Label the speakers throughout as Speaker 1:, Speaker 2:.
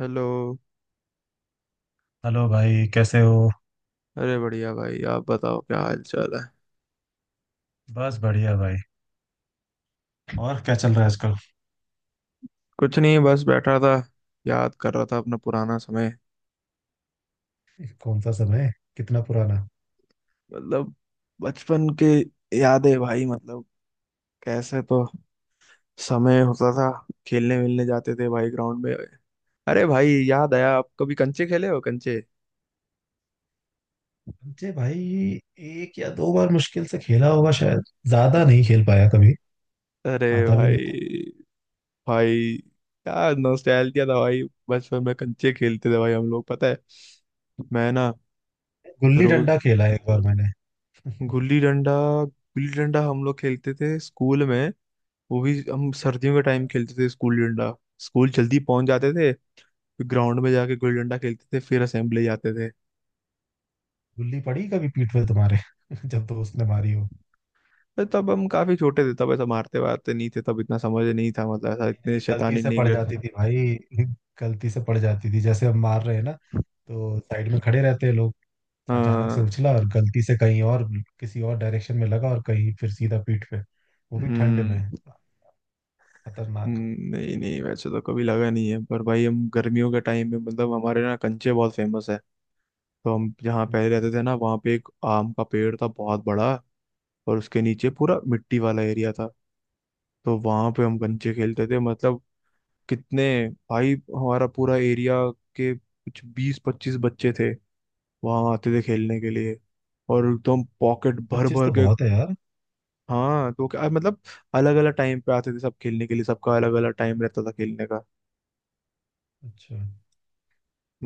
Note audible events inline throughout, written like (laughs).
Speaker 1: Hello.
Speaker 2: Hello भाई, कैसे हो।
Speaker 1: अरे बढ़िया भाई, आप बताओ, क्या हाल चाल है।
Speaker 2: बस बढ़िया भाई। और क्या चल रहा है आजकल।
Speaker 1: कुछ नहीं, बस बैठा था। याद कर रहा था अपना पुराना समय।
Speaker 2: कौन सा समय, कितना पुराना।
Speaker 1: मतलब बचपन के यादें भाई, मतलब कैसे तो समय होता था। खेलने मिलने जाते थे भाई ग्राउंड में। अरे भाई याद आया, आप कभी कंचे खेले हो? कंचे।
Speaker 2: मुझे भाई एक या दो बार मुश्किल से खेला होगा शायद। ज्यादा नहीं खेल पाया कभी।
Speaker 1: अरे
Speaker 2: आता भी नहीं था।
Speaker 1: भाई भाई, क्या नॉस्टैल्जिया था भाई। बचपन में कंचे खेलते थे भाई हम लोग, पता है। मैं ना,
Speaker 2: गुल्ली
Speaker 1: रोज।
Speaker 2: डंडा खेला है एक बार मैंने।
Speaker 1: गुल्ली डंडा। गुल्ली डंडा हम लोग खेलते थे स्कूल में। वो भी हम सर्दियों के टाइम खेलते थे स्कूल डंडा। स्कूल जल्दी पहुंच जाते थे, फिर ग्राउंड में जाके गुल्ली डंडा खेलते थे, फिर असेंबली जाते थे।
Speaker 2: गुल्ली पड़ी कभी पीठ पे तुम्हारे (laughs) जब दोस्त ने मारी हो।
Speaker 1: तो तब हम काफी छोटे थे, तब ऐसा मारते वारते नहीं थे, तब इतना समझ नहीं था, मतलब ऐसा
Speaker 2: नहीं
Speaker 1: इतने
Speaker 2: नहीं गलती
Speaker 1: शैतानी
Speaker 2: से
Speaker 1: नहीं
Speaker 2: पड़
Speaker 1: करते।
Speaker 2: जाती थी भाई। गलती से पड़ जाती थी, जैसे हम मार रहे हैं ना तो साइड में खड़े रहते हैं लोग। अचानक से
Speaker 1: हाँ।
Speaker 2: उछला और गलती से कहीं और, किसी और डायरेक्शन में लगा और कहीं फिर सीधा पीठ पे। वो भी ठंड में।
Speaker 1: हम्म।
Speaker 2: खतरनाक।
Speaker 1: नहीं नहीं, वैसे तो कभी लगा नहीं है, पर भाई हम गर्मियों के टाइम में, मतलब हमारे ना कंचे बहुत फेमस है। तो हम जहाँ पहले रहते थे ना, वहाँ पे एक आम का पेड़ था बहुत बड़ा। और उसके नीचे पूरा मिट्टी वाला एरिया था। तो वहां पे हम कंचे खेलते थे, मतलब कितने। भाई हमारा पूरा एरिया के कुछ 20-25 बच्चे थे, वहां आते थे खेलने के लिए। और एकदम पॉकेट भर
Speaker 2: 25
Speaker 1: भर
Speaker 2: तो
Speaker 1: के।
Speaker 2: बहुत है यार।
Speaker 1: हाँ, तो क्या मतलब, अलग अलग टाइम पे आते थे सब खेलने के लिए, सबका अलग अलग टाइम रहता था खेलने का।
Speaker 2: अच्छा,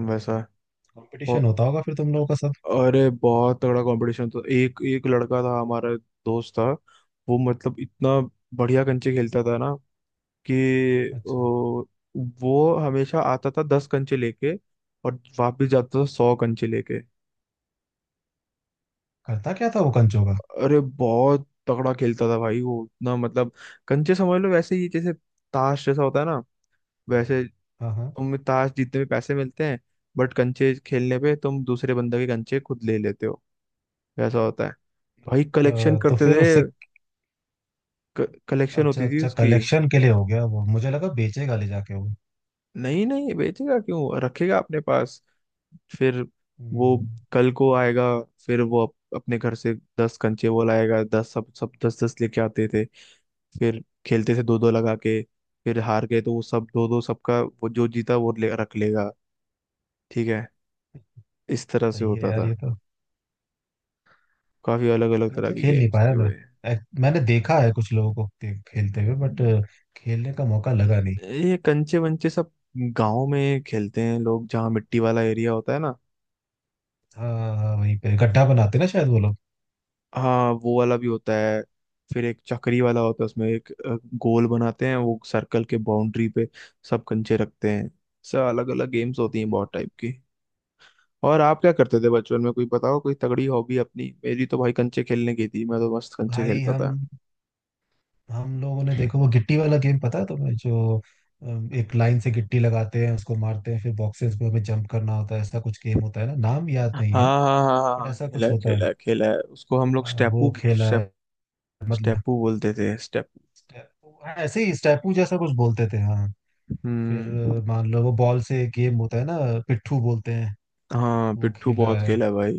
Speaker 1: वैसा।
Speaker 2: कंपटीशन
Speaker 1: और।
Speaker 2: होता होगा फिर तुम लोगों का सब।
Speaker 1: अरे बहुत तगड़ा कंपटीशन, तो एक एक लड़का था हमारा दोस्त था, वो मतलब इतना बढ़िया कंचे खेलता था ना, कि
Speaker 2: अच्छा,
Speaker 1: ओ। वो हमेशा आता था 10 कंचे लेके, और वापस जाता था 100 कंचे लेके।
Speaker 2: करता क्या था वो कंचो का।
Speaker 1: अरे बहुत तगड़ा खेलता था भाई वो, इतना मतलब, कंचे समझ लो वैसे ही जैसे ताश जैसा होता है ना। वैसे
Speaker 2: हाँ हाँ।
Speaker 1: तुम्हें ताश जीतने में पैसे मिलते हैं, बट कंचे खेलने पे तुम दूसरे बंदे के कंचे खुद ले लेते हो। वैसा होता है। भाई कलेक्शन
Speaker 2: तो
Speaker 1: करते
Speaker 2: फिर उससे।
Speaker 1: थे, कलेक्शन
Speaker 2: अच्छा
Speaker 1: होती थी
Speaker 2: अच्छा,
Speaker 1: उसकी।
Speaker 2: कलेक्शन के लिए हो गया, वो मुझे लगा बेचेगा ले जाके वो।
Speaker 1: नहीं नहीं, बेचेगा क्यों? रखेगा अपने पास। फिर वो
Speaker 2: हम्म।
Speaker 1: कल को आएगा, फिर वो अपने घर से 10 कंचे वो लाएगा। दस सब सब 10-10 लेके आते थे, फिर खेलते थे दो दो लगा के। फिर हार गए तो वो सब दो दो सबका, वो जो जीता वो रख लेगा। ठीक है, इस तरह से
Speaker 2: सही है
Speaker 1: होता
Speaker 2: यार
Speaker 1: था।
Speaker 2: ये तो।
Speaker 1: काफी अलग अलग तरह
Speaker 2: कंचे
Speaker 1: के
Speaker 2: खेल नहीं
Speaker 1: गेम्स
Speaker 2: पाया
Speaker 1: थे वो।
Speaker 2: मैं। मैंने देखा है कुछ लोगों को खेलते हुए, बट खेलने का मौका लगा नहीं।
Speaker 1: ये कंचे वंचे सब गांव में खेलते हैं लोग, जहाँ मिट्टी वाला एरिया होता है ना।
Speaker 2: हाँ हाँ, हाँ, वहीं पे गड्ढा बनाते ना शायद वो लोग।
Speaker 1: हाँ, वो वाला भी होता है। फिर एक चक्री वाला होता है, उसमें एक गोल बनाते हैं वो, सर्कल के बाउंड्री पे सब कंचे रखते हैं। सब अलग अलग गेम्स होती हैं
Speaker 2: अच्छा।
Speaker 1: बहुत टाइप की। और आप क्या करते थे बचपन में? कोई बताओ कोई तगड़ी हॉबी अपनी, मेरी तो भाई कंचे खेलने की थी, मैं तो मस्त कंचे
Speaker 2: भाई
Speaker 1: खेलता
Speaker 2: हम
Speaker 1: था।
Speaker 2: हम लोगों ने देखो वो गिट्टी वाला गेम पता है तुम्हें, जो एक लाइन से गिट्टी लगाते हैं उसको मारते हैं फिर बॉक्सेस पे हमें जंप करना होता है। ऐसा कुछ गेम होता है ना, नाम याद
Speaker 1: हाँ
Speaker 2: नहीं
Speaker 1: हाँ
Speaker 2: है,
Speaker 1: हाँ हाँ
Speaker 2: बट
Speaker 1: हाँ,
Speaker 2: ऐसा
Speaker 1: खेला
Speaker 2: कुछ
Speaker 1: है,
Speaker 2: होता है।
Speaker 1: खेला है, खेला है उसको, हम लोग
Speaker 2: वो खेला है। मतलब
Speaker 1: स्टेपू बोलते थे, स्टेपू।
Speaker 2: स्टे- हाँ, ऐसे ही स्टेपू जैसा कुछ बोलते थे हाँ। फिर
Speaker 1: हम्म।
Speaker 2: मान लो वो बॉल से गेम होता है ना, पिट्ठू बोलते हैं।
Speaker 1: हाँ,
Speaker 2: वो
Speaker 1: पिट्ठू
Speaker 2: खेला
Speaker 1: बहुत
Speaker 2: है।
Speaker 1: खेला है भाई।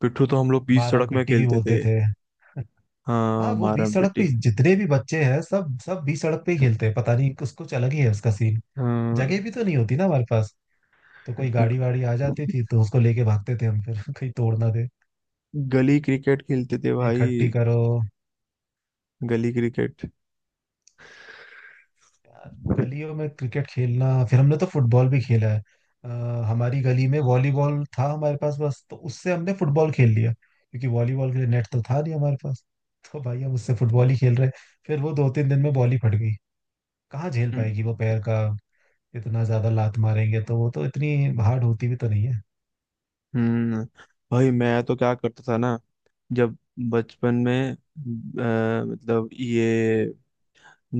Speaker 1: पिट्ठू तो हम लोग बीच
Speaker 2: मारम
Speaker 1: सड़क में
Speaker 2: पिट्टी भी
Speaker 1: खेलते
Speaker 2: बोलते
Speaker 1: थे।
Speaker 2: थे। हाँ,
Speaker 1: हाँ,
Speaker 2: वो बीच
Speaker 1: मारम
Speaker 2: सड़क पे
Speaker 1: पिट्टी।
Speaker 2: जितने भी बच्चे हैं सब सब बीच सड़क पे ही खेलते हैं। पता नहीं कुछ कुछ अलग ही है उसका सीन।
Speaker 1: हाँ,
Speaker 2: जगह भी तो नहीं होती ना हमारे पास। तो कोई
Speaker 1: ग-
Speaker 2: गाड़ी वाड़ी आ जाती थी तो उसको लेके भागते थे हम, फिर (laughs) कहीं तोड़ ना दे।
Speaker 1: गली क्रिकेट खेलते थे
Speaker 2: "ए,
Speaker 1: भाई,
Speaker 2: इकट्ठी करो
Speaker 1: गली क्रिकेट।
Speaker 2: यार, गलियों में क्रिकेट खेलना।" फिर हमने तो फुटबॉल भी खेला है। अ, हमारी गली में वॉलीबॉल था हमारे पास बस, तो उससे हमने फुटबॉल खेल लिया, क्योंकि वॉलीबॉल के लिए नेट तो था नहीं हमारे पास। (laughs) तो भाई हम उससे फुटबॉल ही खेल रहे। फिर वो 2 3 दिन में बॉल ही फट गई। कहाँ झेल
Speaker 1: हम्म।
Speaker 2: पाएगी वो पैर का, इतना ज्यादा लात मारेंगे तो वो तो इतनी हार्ड होती भी तो नहीं है।
Speaker 1: हम्म, भाई मैं तो क्या करता था ना, जब बचपन में, मतलब ये,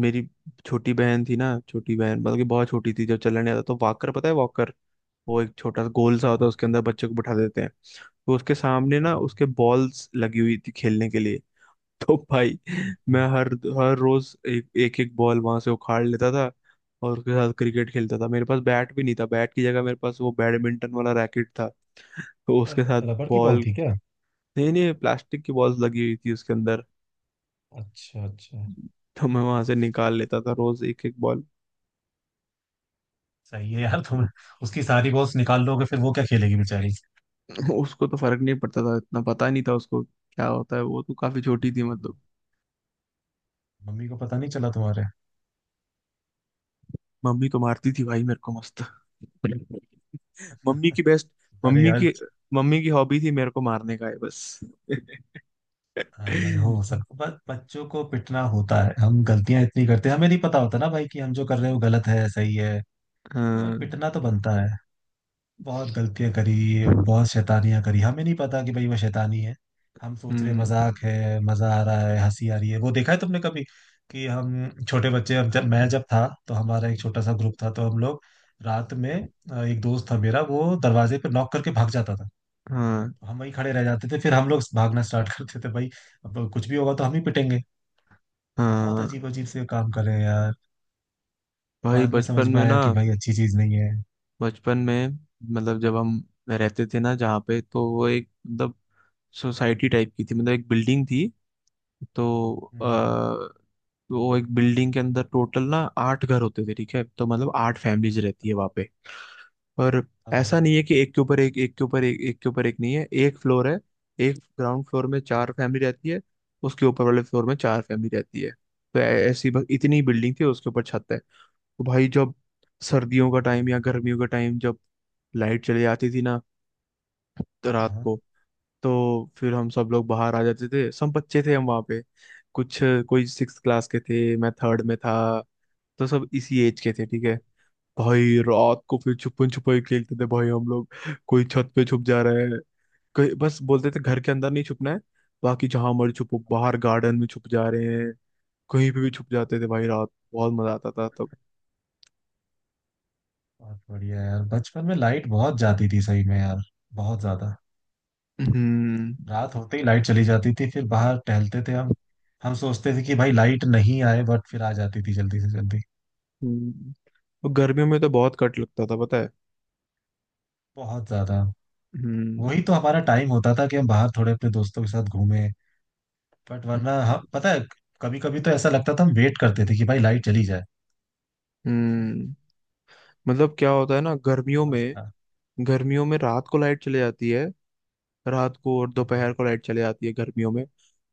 Speaker 1: मेरी छोटी बहन थी ना, छोटी बहन मतलब कि बहुत छोटी थी। जब चलने आता तो वॉकर, पता है वॉकर? वो एक छोटा सा गोल सा
Speaker 2: हाँ,
Speaker 1: होता है, उसके अंदर बच्चे को बिठा देते हैं। तो उसके सामने ना,
Speaker 2: हाँ,
Speaker 1: उसके बॉल्स लगी हुई थी खेलने के लिए। (laughs) तो भाई
Speaker 2: हाँ।
Speaker 1: मैं हर हर रोज एक एक, एक बॉल वहां से उखाड़ लेता था, और उसके साथ क्रिकेट खेलता था। मेरे पास बैट भी नहीं था, बैट की जगह मेरे पास वो बैडमिंटन वाला रैकेट था, तो उसके
Speaker 2: और
Speaker 1: साथ।
Speaker 2: रबड़ की बॉल
Speaker 1: बॉल,
Speaker 2: थी क्या।
Speaker 1: नहीं नहीं, प्लास्टिक की बॉल्स लगी हुई थी उसके अंदर।
Speaker 2: अच्छा अच्छा।
Speaker 1: तो मैं वहां से निकाल लेता था रोज एक एक बॉल।
Speaker 2: सही है यार तुम, उसकी सारी बॉस निकाल लोगे फिर वो क्या खेलेगी बेचारी।
Speaker 1: (laughs) उसको तो फर्क नहीं पड़ता था, इतना पता नहीं था उसको क्या होता है, वो तो काफी छोटी थी मतलब।
Speaker 2: मम्मी को पता नहीं चला तुम्हारे।
Speaker 1: मम्मी को मारती थी भाई मेरे को मस्त। (laughs) मम्मी की बेस्ट
Speaker 2: अरे
Speaker 1: मम्मी
Speaker 2: यार।
Speaker 1: की मम्मी की हॉबी थी मेरे को मारने का, है बस।
Speaker 2: हाँ,
Speaker 1: हाँ।
Speaker 2: हो सकता बच्चों को पिटना होता है। हम गलतियां इतनी करते हैं, हमें नहीं पता होता ना भाई कि हम जो कर रहे हैं वो गलत है, सही है। तो भाई पिटना तो बनता है। बहुत गलतियां करी। बहुत शैतानियां करी, हमें नहीं पता कि भाई वो शैतानी है। हम सोच रहे
Speaker 1: हम्म।
Speaker 2: मजाक है, मजा आ रहा है, हंसी आ रही है। वो देखा है तुमने कभी, कि हम छोटे बच्चे, हम जब मैं जब था तो हमारा एक छोटा सा ग्रुप था, तो हम लोग रात में एक दोस्त था मेरा, वो दरवाजे पे नॉक करके भाग जाता था।
Speaker 1: हाँ,
Speaker 2: हम वहीं खड़े रह जाते थे, फिर हम लोग भागना स्टार्ट (laughs) करते थे भाई। अब कुछ भी होगा तो हम ही पिटेंगे। बहुत
Speaker 1: हाँ।
Speaker 2: अजीब अजीब से काम कर रहे हैं यार।
Speaker 1: भाई
Speaker 2: बाद में
Speaker 1: बचपन
Speaker 2: समझ में
Speaker 1: में
Speaker 2: आया
Speaker 1: ना,
Speaker 2: कि भाई अच्छी चीज नहीं है।
Speaker 1: बचपन में मतलब जब हम रहते थे ना जहाँ पे, तो वो एक, मतलब सोसाइटी टाइप की थी, मतलब एक बिल्डिंग थी। तो
Speaker 2: हम्म।
Speaker 1: वो एक बिल्डिंग के अंदर टोटल ना आठ घर होते थे, ठीक है। तो मतलब आठ फैमिलीज रहती है वहाँ पे। और
Speaker 2: हाँ
Speaker 1: ऐसा
Speaker 2: हाँ।
Speaker 1: नहीं है कि एक के ऊपर एक, एक के ऊपर एक, एक के ऊपर एक, नहीं, है एक फ्लोर है। एक ग्राउंड फ्लोर में चार फैमिली रहती है, उसके ऊपर वाले फ्लोर में चार फैमिली रहती है, तो ऐसी बस इतनी बिल्डिंग थी, उसके ऊपर छत है। तो भाई जब सर्दियों का टाइम या गर्मियों का टाइम, जब लाइट चली जाती थी ना, तो
Speaker 2: हाँ
Speaker 1: रात को,
Speaker 2: हाँ।
Speaker 1: तो फिर हम सब लोग बाहर आ जाते थे। सब बच्चे थे हम वहाँ पे, कुछ कोई सिक्स क्लास के थे, मैं थर्ड में था, तो सब इसी एज के थे, ठीक है। भाई रात को फिर छुपन छुपाई खेलते थे भाई हम लोग, कोई छत पे छुप जा रहे हैं, कहीं, बस बोलते थे घर के अंदर नहीं छुपना है, बाकी जहां मर्जी छुपो। बाहर गार्डन में छुप जा रहे हैं, कहीं पे भी छुप जाते थे भाई रात। बहुत मजा आता था तब।
Speaker 2: बहुत बढ़िया यार, बचपन में लाइट बहुत जाती थी सही में यार। बहुत ज्यादा।
Speaker 1: हम्म।
Speaker 2: रात होते ही लाइट चली जाती थी, फिर बाहर टहलते थे हम। हम सोचते थे कि भाई लाइट नहीं आए, बट फिर आ जाती थी जल्दी से जल्दी।
Speaker 1: हम्म। और गर्मियों में तो बहुत कट लगता था, पता है।
Speaker 2: बहुत ज्यादा।
Speaker 1: हम्म।
Speaker 2: वही तो हमारा टाइम होता था कि हम बाहर थोड़े अपने दोस्तों के साथ घूमें। बट
Speaker 1: हम्म।
Speaker 2: वरना हम पता है, कभी कभी तो ऐसा लगता था, हम वेट करते थे कि भाई लाइट चली जाए। (laughs)
Speaker 1: हम्म। मतलब क्या होता है ना, गर्मियों
Speaker 2: मस्त
Speaker 1: में,
Speaker 2: था।
Speaker 1: गर्मियों में रात को लाइट चली जाती है। रात को और
Speaker 2: हम्म।
Speaker 1: दोपहर को लाइट चली जाती है गर्मियों में।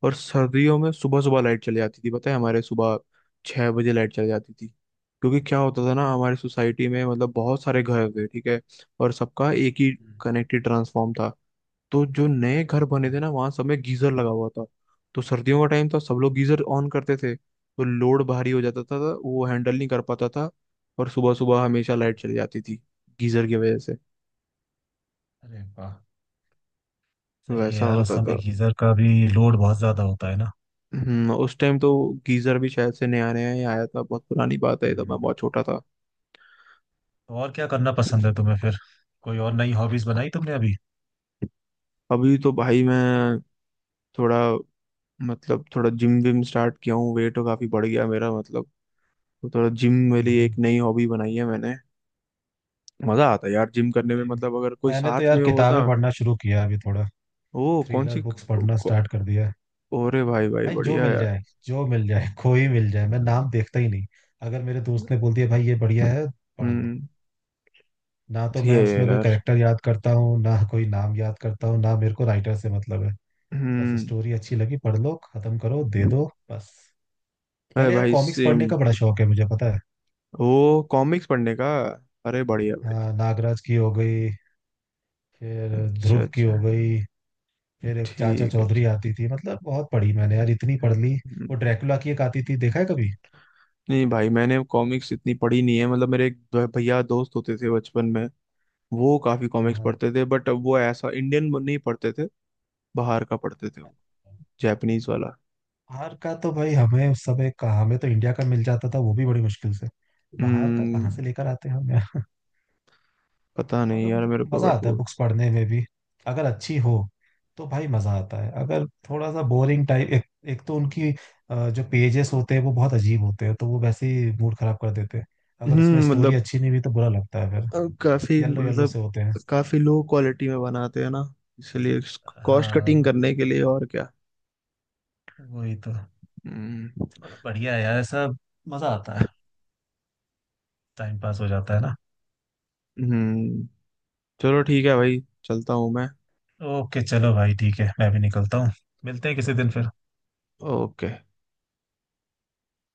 Speaker 1: और सर्दियों में सुबह सुबह लाइट चली जाती थी, पता है हमारे सुबह 6 बजे लाइट चली जाती थी। क्योंकि क्या होता था ना हमारी सोसाइटी में, मतलब बहुत सारे घर थे, ठीक है, और सबका एक ही
Speaker 2: हम्म।
Speaker 1: कनेक्टेड ट्रांसफॉर्म था। तो जो नए घर बने थे ना, वहाँ सब में गीजर लगा हुआ था, तो सर्दियों का टाइम था, सब लोग गीजर ऑन करते थे, तो लोड भारी हो जाता था, तो वो हैंडल नहीं कर पाता था, और सुबह सुबह हमेशा लाइट चली जाती थी गीजर की वजह से।
Speaker 2: अरे वाह। सही है
Speaker 1: वैसा
Speaker 2: यार, उस
Speaker 1: होता
Speaker 2: समय
Speaker 1: था।
Speaker 2: गीजर का भी लोड बहुत ज्यादा होता है ना।
Speaker 1: उस टाइम तो गीजर भी शायद से नया नया ही आया था, बहुत पुरानी बात है, तब
Speaker 2: हम्म।
Speaker 1: मैं बहुत छोटा था।
Speaker 2: और क्या करना पसंद है तुम्हें फिर। कोई और नई हॉबीज बनाई तुमने अभी।
Speaker 1: अभी तो भाई मैं थोड़ा, मतलब थोड़ा जिम विम स्टार्ट किया हूँ, वेट काफी बढ़ गया मेरा मतलब, तो थोड़ा जिम मेरे लिए
Speaker 2: हम्म।
Speaker 1: एक नई हॉबी बनाई है मैंने। मजा आता है यार जिम करने में,
Speaker 2: भाई
Speaker 1: मतलब अगर कोई
Speaker 2: मैंने तो
Speaker 1: साथ
Speaker 2: यार
Speaker 1: में हो
Speaker 2: किताबें
Speaker 1: ना।
Speaker 2: पढ़ना शुरू किया अभी थोड़ा।
Speaker 1: वो कौन
Speaker 2: थ्रिलर
Speaker 1: सी?
Speaker 2: बुक्स पढ़ना
Speaker 1: कौ,
Speaker 2: स्टार्ट कर दिया है।
Speaker 1: ओरे भाई भाई,
Speaker 2: भाई जो
Speaker 1: बढ़िया
Speaker 2: मिल
Speaker 1: यार।
Speaker 2: जाए जो मिल जाए (laughs) कोई मिल जाए, मैं नाम देखता ही नहीं। अगर मेरे दोस्त ने बोल दिया भाई ये बढ़िया है, पढ़ लो।
Speaker 1: हम्म।
Speaker 2: ना तो
Speaker 1: सही है
Speaker 2: मैं उसमें कोई
Speaker 1: यार।
Speaker 2: कैरेक्टर याद करता हूँ, ना कोई नाम याद करता हूँ, ना मेरे को राइटर से मतलब है। बस
Speaker 1: हम्म।
Speaker 2: स्टोरी अच्छी लगी, पढ़ लो, खत्म करो, दे दो बस।
Speaker 1: अरे
Speaker 2: पहले यार
Speaker 1: भाई
Speaker 2: कॉमिक्स
Speaker 1: सेम।
Speaker 2: पढ़ने का बड़ा शौक है मुझे, पता है।
Speaker 1: वो कॉमिक्स पढ़ने का, अरे बढ़िया भाई।
Speaker 2: हाँ, नागराज की हो गई, फिर
Speaker 1: अच्छा
Speaker 2: ध्रुव की
Speaker 1: अच्छा।
Speaker 2: हो गई, फिर एक चाचा
Speaker 1: ठीक है, ठीक।
Speaker 2: चौधरी आती थी। मतलब बहुत पढ़ी मैंने यार, इतनी पढ़ ली।
Speaker 1: हम्म,
Speaker 2: वो ड्रैकुला की एक आती थी, देखा है कभी।
Speaker 1: नहीं भाई, मैंने कॉमिक्स इतनी पढ़ी नहीं है, मतलब मेरे एक भैया दोस्त होते थे बचपन में, वो काफी
Speaker 2: हाँ
Speaker 1: कॉमिक्स
Speaker 2: हाँ।
Speaker 1: पढ़ते थे, बट वो ऐसा इंडियन नहीं पढ़ते थे, बाहर का पढ़ते थे वो, जापानीज वाला।
Speaker 2: बाहर का तो भाई हमें उस समय कहाँ, हमें तो इंडिया का मिल जाता था वो भी बड़ी मुश्किल से। बाहर का
Speaker 1: हम्म।
Speaker 2: कहाँ से लेकर आते हैं हम यार।
Speaker 1: पता
Speaker 2: (laughs)
Speaker 1: नहीं
Speaker 2: मगर
Speaker 1: यार मेरे को,
Speaker 2: मजा
Speaker 1: बट
Speaker 2: आता है
Speaker 1: वो।
Speaker 2: बुक्स पढ़ने में भी, अगर अच्छी हो तो भाई मजा आता है। अगर थोड़ा सा बोरिंग टाइप एक तो उनकी जो पेजेस होते हैं वो बहुत अजीब होते हैं, तो वो वैसे ही मूड खराब कर देते हैं। अगर उसमें
Speaker 1: हम्म,
Speaker 2: स्टोरी
Speaker 1: मतलब
Speaker 2: अच्छी नहीं हुई तो बुरा लगता है फिर।
Speaker 1: काफी
Speaker 2: येलो येलो
Speaker 1: मतलब,
Speaker 2: से होते हैं।
Speaker 1: काफी लो क्वालिटी में बनाते हैं ना, इसलिए, कॉस्ट कटिंग
Speaker 2: हाँ,
Speaker 1: करने के लिए, और क्या।
Speaker 2: वही तो।
Speaker 1: हम्म।
Speaker 2: मगर बढ़िया है यार ऐसा, मजा आता है, टाइम पास हो जाता है ना।
Speaker 1: हम्म, चलो ठीक है भाई, चलता हूँ मैं।
Speaker 2: ओके चलो भाई, ठीक है, मैं भी निकलता हूँ। मिलते हैं किसी दिन फिर।
Speaker 1: ओके।